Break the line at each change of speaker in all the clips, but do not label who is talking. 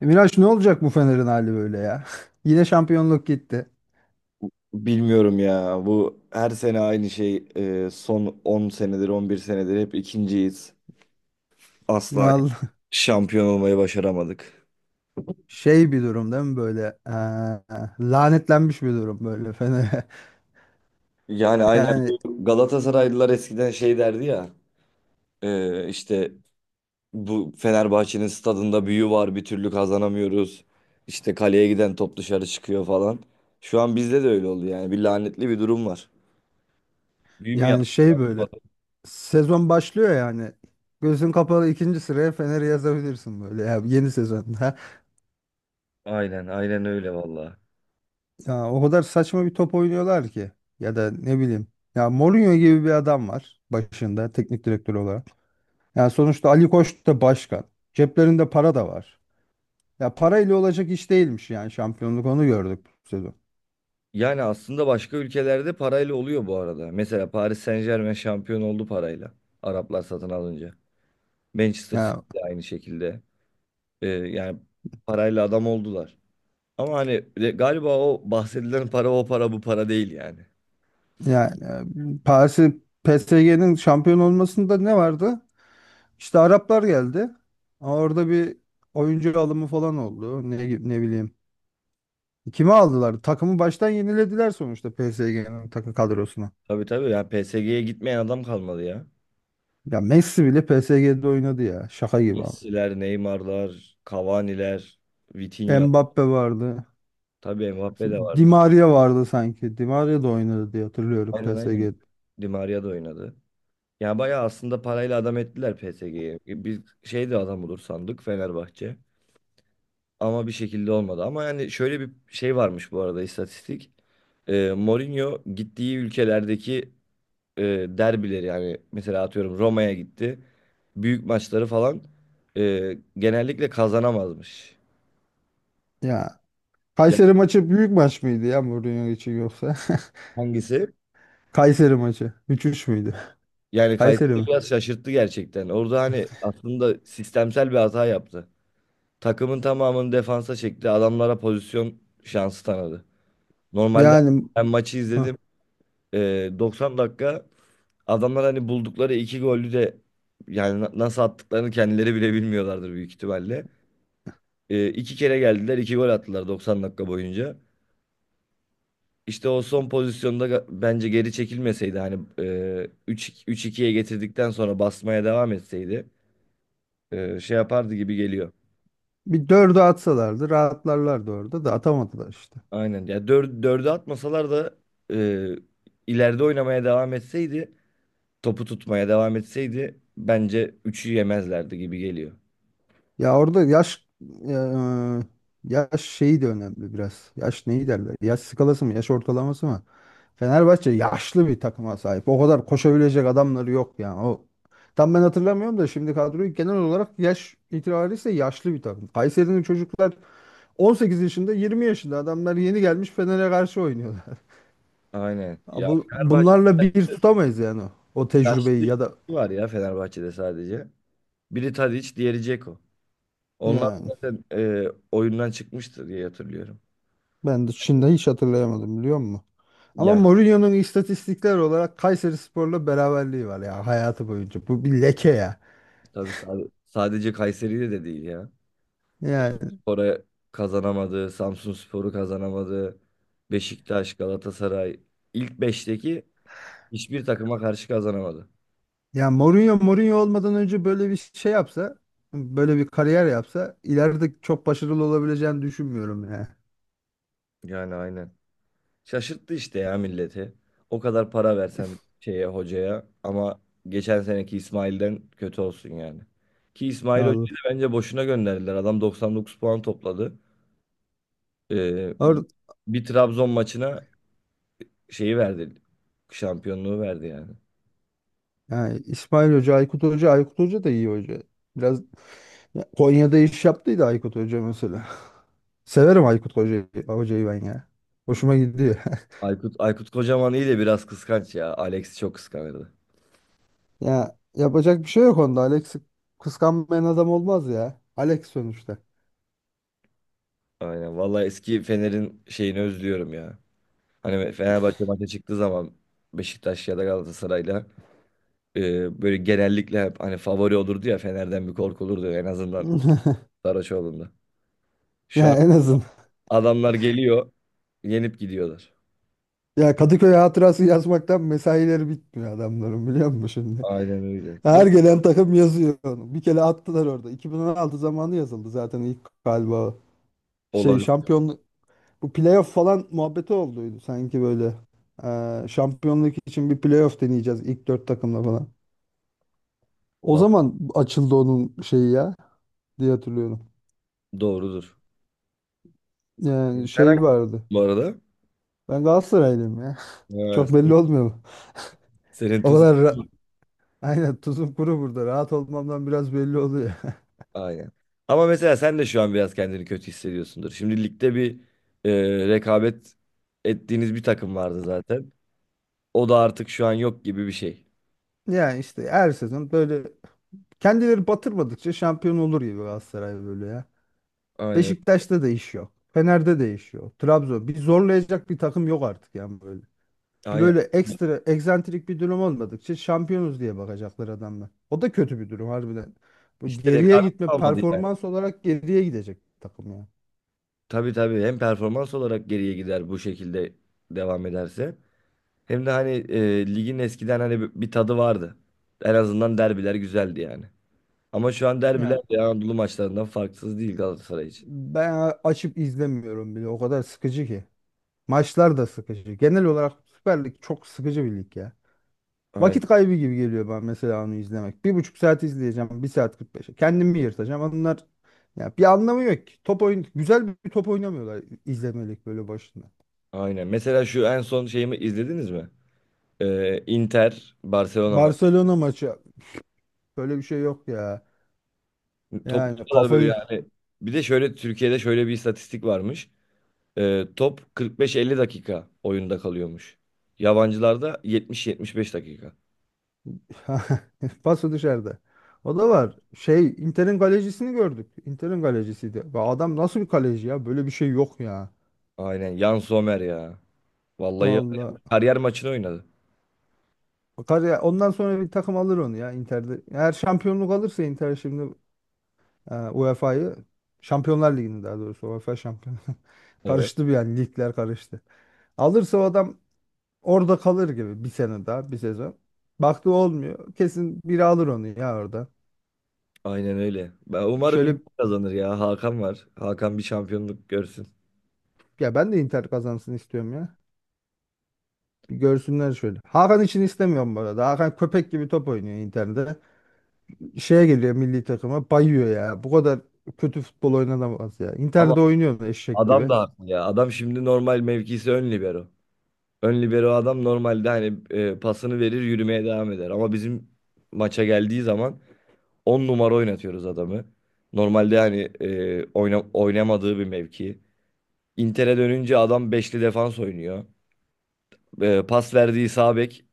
E, Miraç, ne olacak bu Fener'in hali böyle ya? Yine şampiyonluk gitti.
Bilmiyorum ya. Bu her sene aynı şey. Son 10 senedir, 11 senedir hep ikinciyiz. Asla
Vallahi.
şampiyon olmayı başaramadık.
Şey bir durum değil mi böyle? Lanetlenmiş bir durum böyle Fener'e.
Yani aynen
Yani
bu Galatasaraylılar eskiden şey derdi ya. İşte bu Fenerbahçe'nin stadında büyü var bir türlü kazanamıyoruz. İşte kaleye giden top dışarı çıkıyor falan. Şu an bizde de öyle oldu yani. Bir lanetli bir durum var. Büyü mü
yani şey
yaptılar?
böyle, sezon başlıyor yani. Gözün kapalı ikinci sıraya Fener'i yazabilirsin böyle ya, yeni sezonda.
Aynen, aynen öyle vallahi.
Ya o kadar saçma bir top oynuyorlar ki, ya da ne bileyim. Ya, Mourinho gibi bir adam var başında teknik direktör olarak. Yani sonuçta Ali Koç da başkan. Ceplerinde para da var. Ya parayla olacak iş değilmiş yani, şampiyonluk, onu gördük bu sezon.
Yani aslında başka ülkelerde parayla oluyor bu arada. Mesela Paris Saint-Germain şampiyon oldu parayla. Araplar satın alınca. Manchester City
Ya
de aynı şekilde. Yani parayla adam oldular. Ama hani galiba o bahsedilen para o para bu para değil yani.
yani, Paris'i PSG'nin şampiyon olmasında ne vardı? İşte Araplar geldi. Ama orada bir oyuncu alımı falan oldu. Ne bileyim. Kimi aldılar? Takımı baştan yenilediler sonuçta PSG'nin kadrosuna.
Tabii tabii yani PSG'ye gitmeyen adam kalmadı ya.
Ya Messi bile PSG'de oynadı ya. Şaka gibi ama.
Messi'ler, Neymar'lar, Cavani'ler, Vitinha.
Mbappe vardı.
Tabii Mbappe de
Di
vardı.
Maria vardı sanki. Di Maria da oynadı diye hatırlıyorum
Aynen aynen.
PSG'de.
Di Maria da oynadı. Ya bayağı aslında parayla adam ettiler PSG'yi. Biz şey de adam olur sandık Fenerbahçe. Ama bir şekilde olmadı. Ama yani şöyle bir şey varmış bu arada istatistik. Mourinho gittiği ülkelerdeki e, derbileri yani mesela atıyorum Roma'ya gitti. Büyük maçları falan genellikle kazanamazmış.
Ya,
Yani
Kayseri maçı büyük maç mıydı ya Mourinho için, yoksa?
hangisi?
Kayseri maçı. 3-3 müydü?
Yani Kayseri
Kayseri mi?
biraz şaşırttı gerçekten. Orada hani aslında sistemsel bir hata yaptı. Takımın tamamını defansa çekti. Adamlara pozisyon şansı tanıdı. Normalde
Yani
ben maçı
ah,
izledim. 90 dakika adamlar hani buldukları iki golü de yani nasıl attıklarını kendileri bile bilmiyorlardır büyük ihtimalle. İki kere geldiler, iki gol attılar 90 dakika boyunca. İşte o son pozisyonda bence geri çekilmeseydi hani 3 3-2'ye getirdikten sonra basmaya devam etseydi şey yapardı gibi geliyor.
bir dördü atsalardı rahatlarlardı, orada da atamadılar işte.
Aynen. Ya dördü atmasalar da e, ileride oynamaya devam etseydi, topu tutmaya devam etseydi bence üçü yemezlerdi gibi geliyor.
Ya orada yaş ya, e, Yaş şeyi de önemli biraz. Yaş neyi derler? Yaş skalası mı? Yaş ortalaması mı? Fenerbahçe yaşlı bir takıma sahip. O kadar koşabilecek adamları yok yani. Tam ben hatırlamıyorum da şimdi kadroyu, genel olarak yaş itibariyle yaşlı bir takım. Kayseri'nin çocuklar, 18 yaşında, 20 yaşında adamlar yeni gelmiş Fener'e karşı oynuyorlar.
Aynen.
Ya
Ya Fenerbahçe
Bunlarla bir tutamayız yani, o tecrübeyi,
yaşlı
ya da...
iki var ya Fenerbahçe'de sadece. Biri Tadiç, diğeri Dzeko. Onlar
Yani
zaten oyundan çıkmıştır diye hatırlıyorum.
ben de Çin'de hiç hatırlayamadım, biliyor musun? Ama
Yani
Mourinho'nun istatistikler olarak Kayserispor'la beraberliği var ya hayatı boyunca. Bu bir leke ya.
tabii sadece Kayseri'de de değil ya.
Yani
Spor'a kazanamadı, Samsunspor'u kazanamadı, Beşiktaş, Galatasaray ilk beşteki hiçbir takıma karşı kazanamadı.
ya, Mourinho, Mourinho olmadan önce böyle bir şey yapsa, böyle bir kariyer yapsa ileride çok başarılı olabileceğini düşünmüyorum ya.
Yani aynen. Şaşırttı işte ya milleti. O kadar para versen şeye hocaya ama geçen seneki İsmail'den kötü olsun yani. Ki İsmail
Allah.
Hoca'yı da bence boşuna gönderdiler. Adam 99 puan topladı. Ee,
Or
bir Trabzon maçına şeyi verdi. Şampiyonluğu verdi yani.
Yani İsmail Hoca, Aykut Hoca, Aykut Hoca da iyi hoca. Biraz Ya, Konya'da iş yaptıydı Aykut Hoca mesela. Severim Aykut Hoca'yı, hocayı ben ya. Hoşuma gidiyor.
Aykut Kocaman iyi de biraz kıskanç ya. Alex'i çok kıskanırdı.
Ya yapacak bir şey yok onda. Alex, kıskanmayan adam olmaz ya. Alex sonuçta.
Aynen. Vallahi eski Fener'in şeyini özlüyorum ya. Hani Fenerbahçe maça çıktığı zaman Beşiktaş ya da Galatasaray'la böyle genellikle hep hani favori olurdu ya Fener'den bir korkulurdu en azından Saraçoğlu'nda. Şu an
Ya en azın.
adamlar geliyor, yenip gidiyorlar.
Ya, Kadıköy hatırası yazmaktan mesaileri bitmiyor adamların, biliyor musun şimdi?
Aynen öyle.
Her
Dur
gelen takım yazıyor onu. Bir kere attılar orada. 2016 zamanı yazıldı zaten ilk galiba. Şey
olabilir.
şampiyon Bu playoff falan muhabbeti olduydu sanki böyle. Şampiyonluk için bir playoff deneyeceğiz ilk dört takımla falan. O
Vallahi
zaman açıldı onun şeyi ya, diye hatırlıyorum.
doğrudur.
Yani
Sen hangi
şey vardı.
bu arada?
Ben Galatasaraylıyım ya.
Evet.
Çok belli olmuyor mu?
Senin
O
tuzun.
kadar ra- aynen, tuzum kuru burada. Rahat olmamdan biraz belli oluyor.
Aynen. Ama mesela sen de şu an biraz kendini kötü hissediyorsundur. Şimdi ligde bir rekabet ettiğiniz bir takım vardı zaten. O da artık şu an yok gibi bir şey.
Yani işte her sezon böyle, kendileri batırmadıkça şampiyon olur gibi Galatasaray böyle ya.
Aynen.
Beşiktaş'ta da iş yok. Fener'de de iş yok. Trabzon. Bir zorlayacak bir takım yok artık yani böyle. Bir
Aynen.
böyle ekstra egzantrik bir durum olmadıkça şampiyonuz diye bakacaklar adamlar. O da kötü bir durum harbiden. Bu
İşte
geriye
rekabet
gitme,
kalmadı yani.
performans olarak geriye gidecek takım ya.
Tabii tabii hem performans olarak geriye gider bu şekilde devam ederse. Hem de hani ligin eskiden hani bir tadı vardı. En azından derbiler güzeldi yani. Ama şu an derbiler
Ya
de Anadolu maçlarından farksız değil Galatasaray için.
ben açıp izlemiyorum bile. O kadar sıkıcı ki. Maçlar da sıkıcı. Genel olarak Süper Lig çok sıkıcı bir lig ya.
Aynen.
Vakit kaybı gibi geliyor bana mesela onu izlemek. 1,5 saat izleyeceğim, bir saat 45'e. Kendimi yırtacağım. Ya bir anlamı yok ki. Top oyun Güzel bir top oynamıyorlar, izlemelik böyle başında.
Aynen. Mesela şu en son şeyimi izlediniz mi? Inter Barcelona maçı.
Barcelona maçı. Böyle bir şey yok ya.
Top o
Yani
kadar böyle
kafayı
hani bir de şöyle Türkiye'de şöyle bir istatistik varmış. Top 45-50 dakika oyunda kalıyormuş. Yabancılarda 70-75 dakika.
Pası dışarıda. O da var. Şey, Inter'in kalecisini gördük. Inter'in kalecisiydi. Ve adam, nasıl bir kaleci ya? Böyle bir şey yok ya.
Aynen. Jan Sommer ya. Vallahi
Vallahi.
kariyer maçını oynadı.
Bakar ya, ondan sonra bir takım alır onu ya Inter'de. Eğer şampiyonluk alırsa Inter şimdi, UEFA'yı, Şampiyonlar Ligi'ni daha doğrusu, UEFA şampiyon.
Evet.
Karıştı bir yani, ligler karıştı. Alırsa o adam orada kalır gibi, bir sene daha, bir sezon. Baktı olmuyor, kesin biri alır onu ya orada.
Aynen öyle. Ben umarım
Şöyle
Inter kazanır ya. Hakan var. Hakan bir şampiyonluk görsün.
Ya ben de Inter kazansın istiyorum ya. Bir görsünler şöyle. Hakan için istemiyorum bu arada. Hakan köpek gibi top oynuyor Inter'de. Şeye geliyor, milli takıma bayıyor ya. Bu kadar kötü futbol oynanamaz ya.
Ama
Inter'de oynuyor eşek
adam
gibi.
da haklı ya. Adam şimdi normal mevkisi ön libero. Ön libero adam normalde hani pasını verir yürümeye devam eder. Ama bizim maça geldiği zaman 10 numara oynatıyoruz adamı. Normalde hani oynamadığı bir mevki. Inter'e dönünce adam beşli defans oynuyor. Pas verdiği sağ bek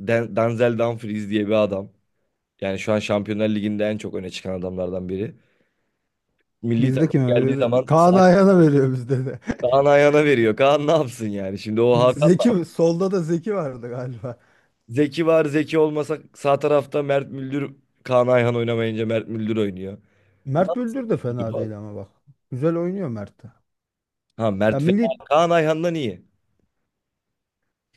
Denzel Dumfries diye bir adam. Yani şu an Şampiyonlar Ligi'nde en çok öne çıkan adamlardan biri. Milli
Bizde
takım
kime
geldiği
veriyor?
zaman
Kaan
sahip
Ayhan'a veriyor bizde de.
Kaan Ayhan'a veriyor. Kaan ne yapsın yani? Şimdi o Hakan
Solda da Zeki vardı galiba.
Zeki var. Zeki olmasa sağ tarafta Mert Müldür Kaan Ayhan oynamayınca Mert Müldür oynuyor.
Mert Müldür de fena
Nasıl?
değil ama, bak. Güzel oynuyor Mert de.
Ha
Ya
Mert fena.
milli
Kaan Ayhan'dan iyi.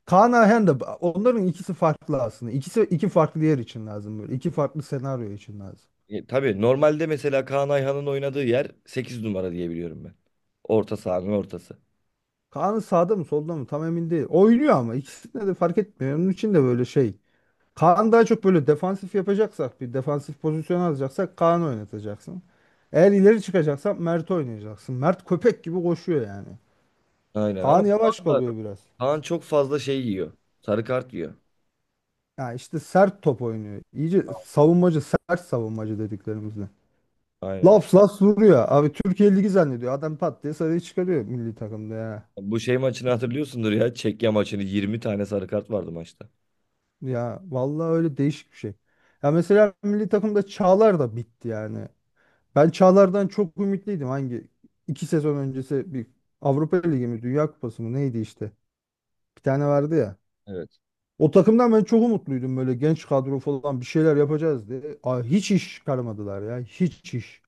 Kaan Ayhan da, onların ikisi farklı aslında. İkisi iki farklı yer için lazım böyle. İki farklı senaryo için lazım.
Tabii normalde mesela Kaan Ayhan'ın oynadığı yer 8 numara diye biliyorum ben. Orta sahanın ortası.
Kaan sağda mı solda mı tam emin değil. Oynuyor ama ikisinde de fark etmiyor. Onun için de böyle şey. Kaan daha çok böyle defansif yapacaksak, bir defansif pozisyon alacaksak Kaan oynatacaksın. Eğer ileri çıkacaksan Mert oynayacaksın. Mert köpek gibi koşuyor yani.
Aynen ama
Kaan yavaş kalıyor biraz.
Kaan çok fazla şey yiyor. Sarı kart yiyor.
Ya işte sert top oynuyor. İyice savunmacı, sert savunmacı dediklerimizle.
Aynen.
Laps laps vuruyor. Abi, Türkiye Ligi zannediyor. Adam pat diye sarıyı çıkarıyor milli takımda ya.
Bu şey maçını hatırlıyorsundur ya. Çekya maçını 20 tane sarı kart vardı maçta.
Ya vallahi öyle, değişik bir şey. Ya mesela milli takımda Çağlar da bitti yani. Ben Çağlar'dan çok ümitliydim. İki sezon öncesi bir Avrupa Ligi mi Dünya Kupası mı neydi işte. Bir tane vardı ya.
Evet.
O takımdan ben çok umutluydum, böyle genç kadro falan bir şeyler yapacağız diye. Aa, hiç iş çıkarmadılar ya, hiç iş.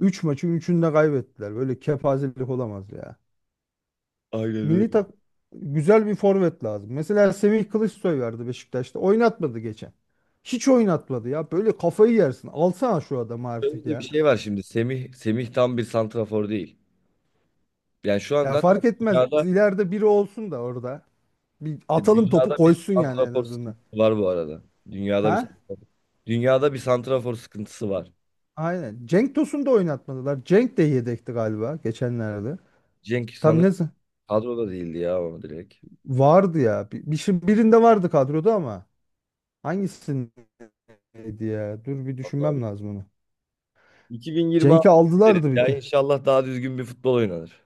Üç maçın üçünü de kaybettiler. Böyle kepazelik olamaz ya.
Aynen öyle.
Milli tak Güzel bir forvet lazım. Mesela Semih Kılıçsoy vardı Beşiktaş'ta. Oynatmadı geçen. Hiç oynatmadı ya. Böyle kafayı yersin. Alsana şu adamı
Şöyle
artık
de bir
ya.
şey var şimdi. Semih tam bir santrafor değil. Yani şu
Ya
anda hatta
fark etmez.
dünyada
İleride biri olsun da orada. Bir atalım, topu
dünyada bir
koysun yani en
santrafor
azından.
sıkıntısı var bu arada. Dünyada bir
Ha?
santrafor, dünyada bir santrafor sıkıntısı var.
Aynen. Cenk Tosun'u da oynatmadılar. Cenk de yedekti galiba geçenlerde.
Cenk
Tam ne
sanırım
z-
kadroda değildi ya ama direkt.
Vardı ya. Birinde vardı kadroda ama hangisindeydi ya? Dur bir
Vallahi.
düşünmem
Bu.
lazım onu. Cenk'i
2026 deriz.
aldılardı bir
Ya
kere.
inşallah daha düzgün bir futbol oynanır.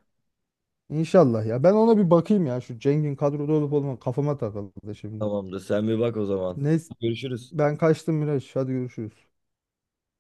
İnşallah ya. Ben ona bir bakayım ya. Şu Cengin kadroda olup olmadığı kafama takıldı şimdi.
Tamamdır. Sen bir bak o zaman.
Neyse,
Görüşürüz.
ben kaçtım Miraç. Hadi görüşürüz.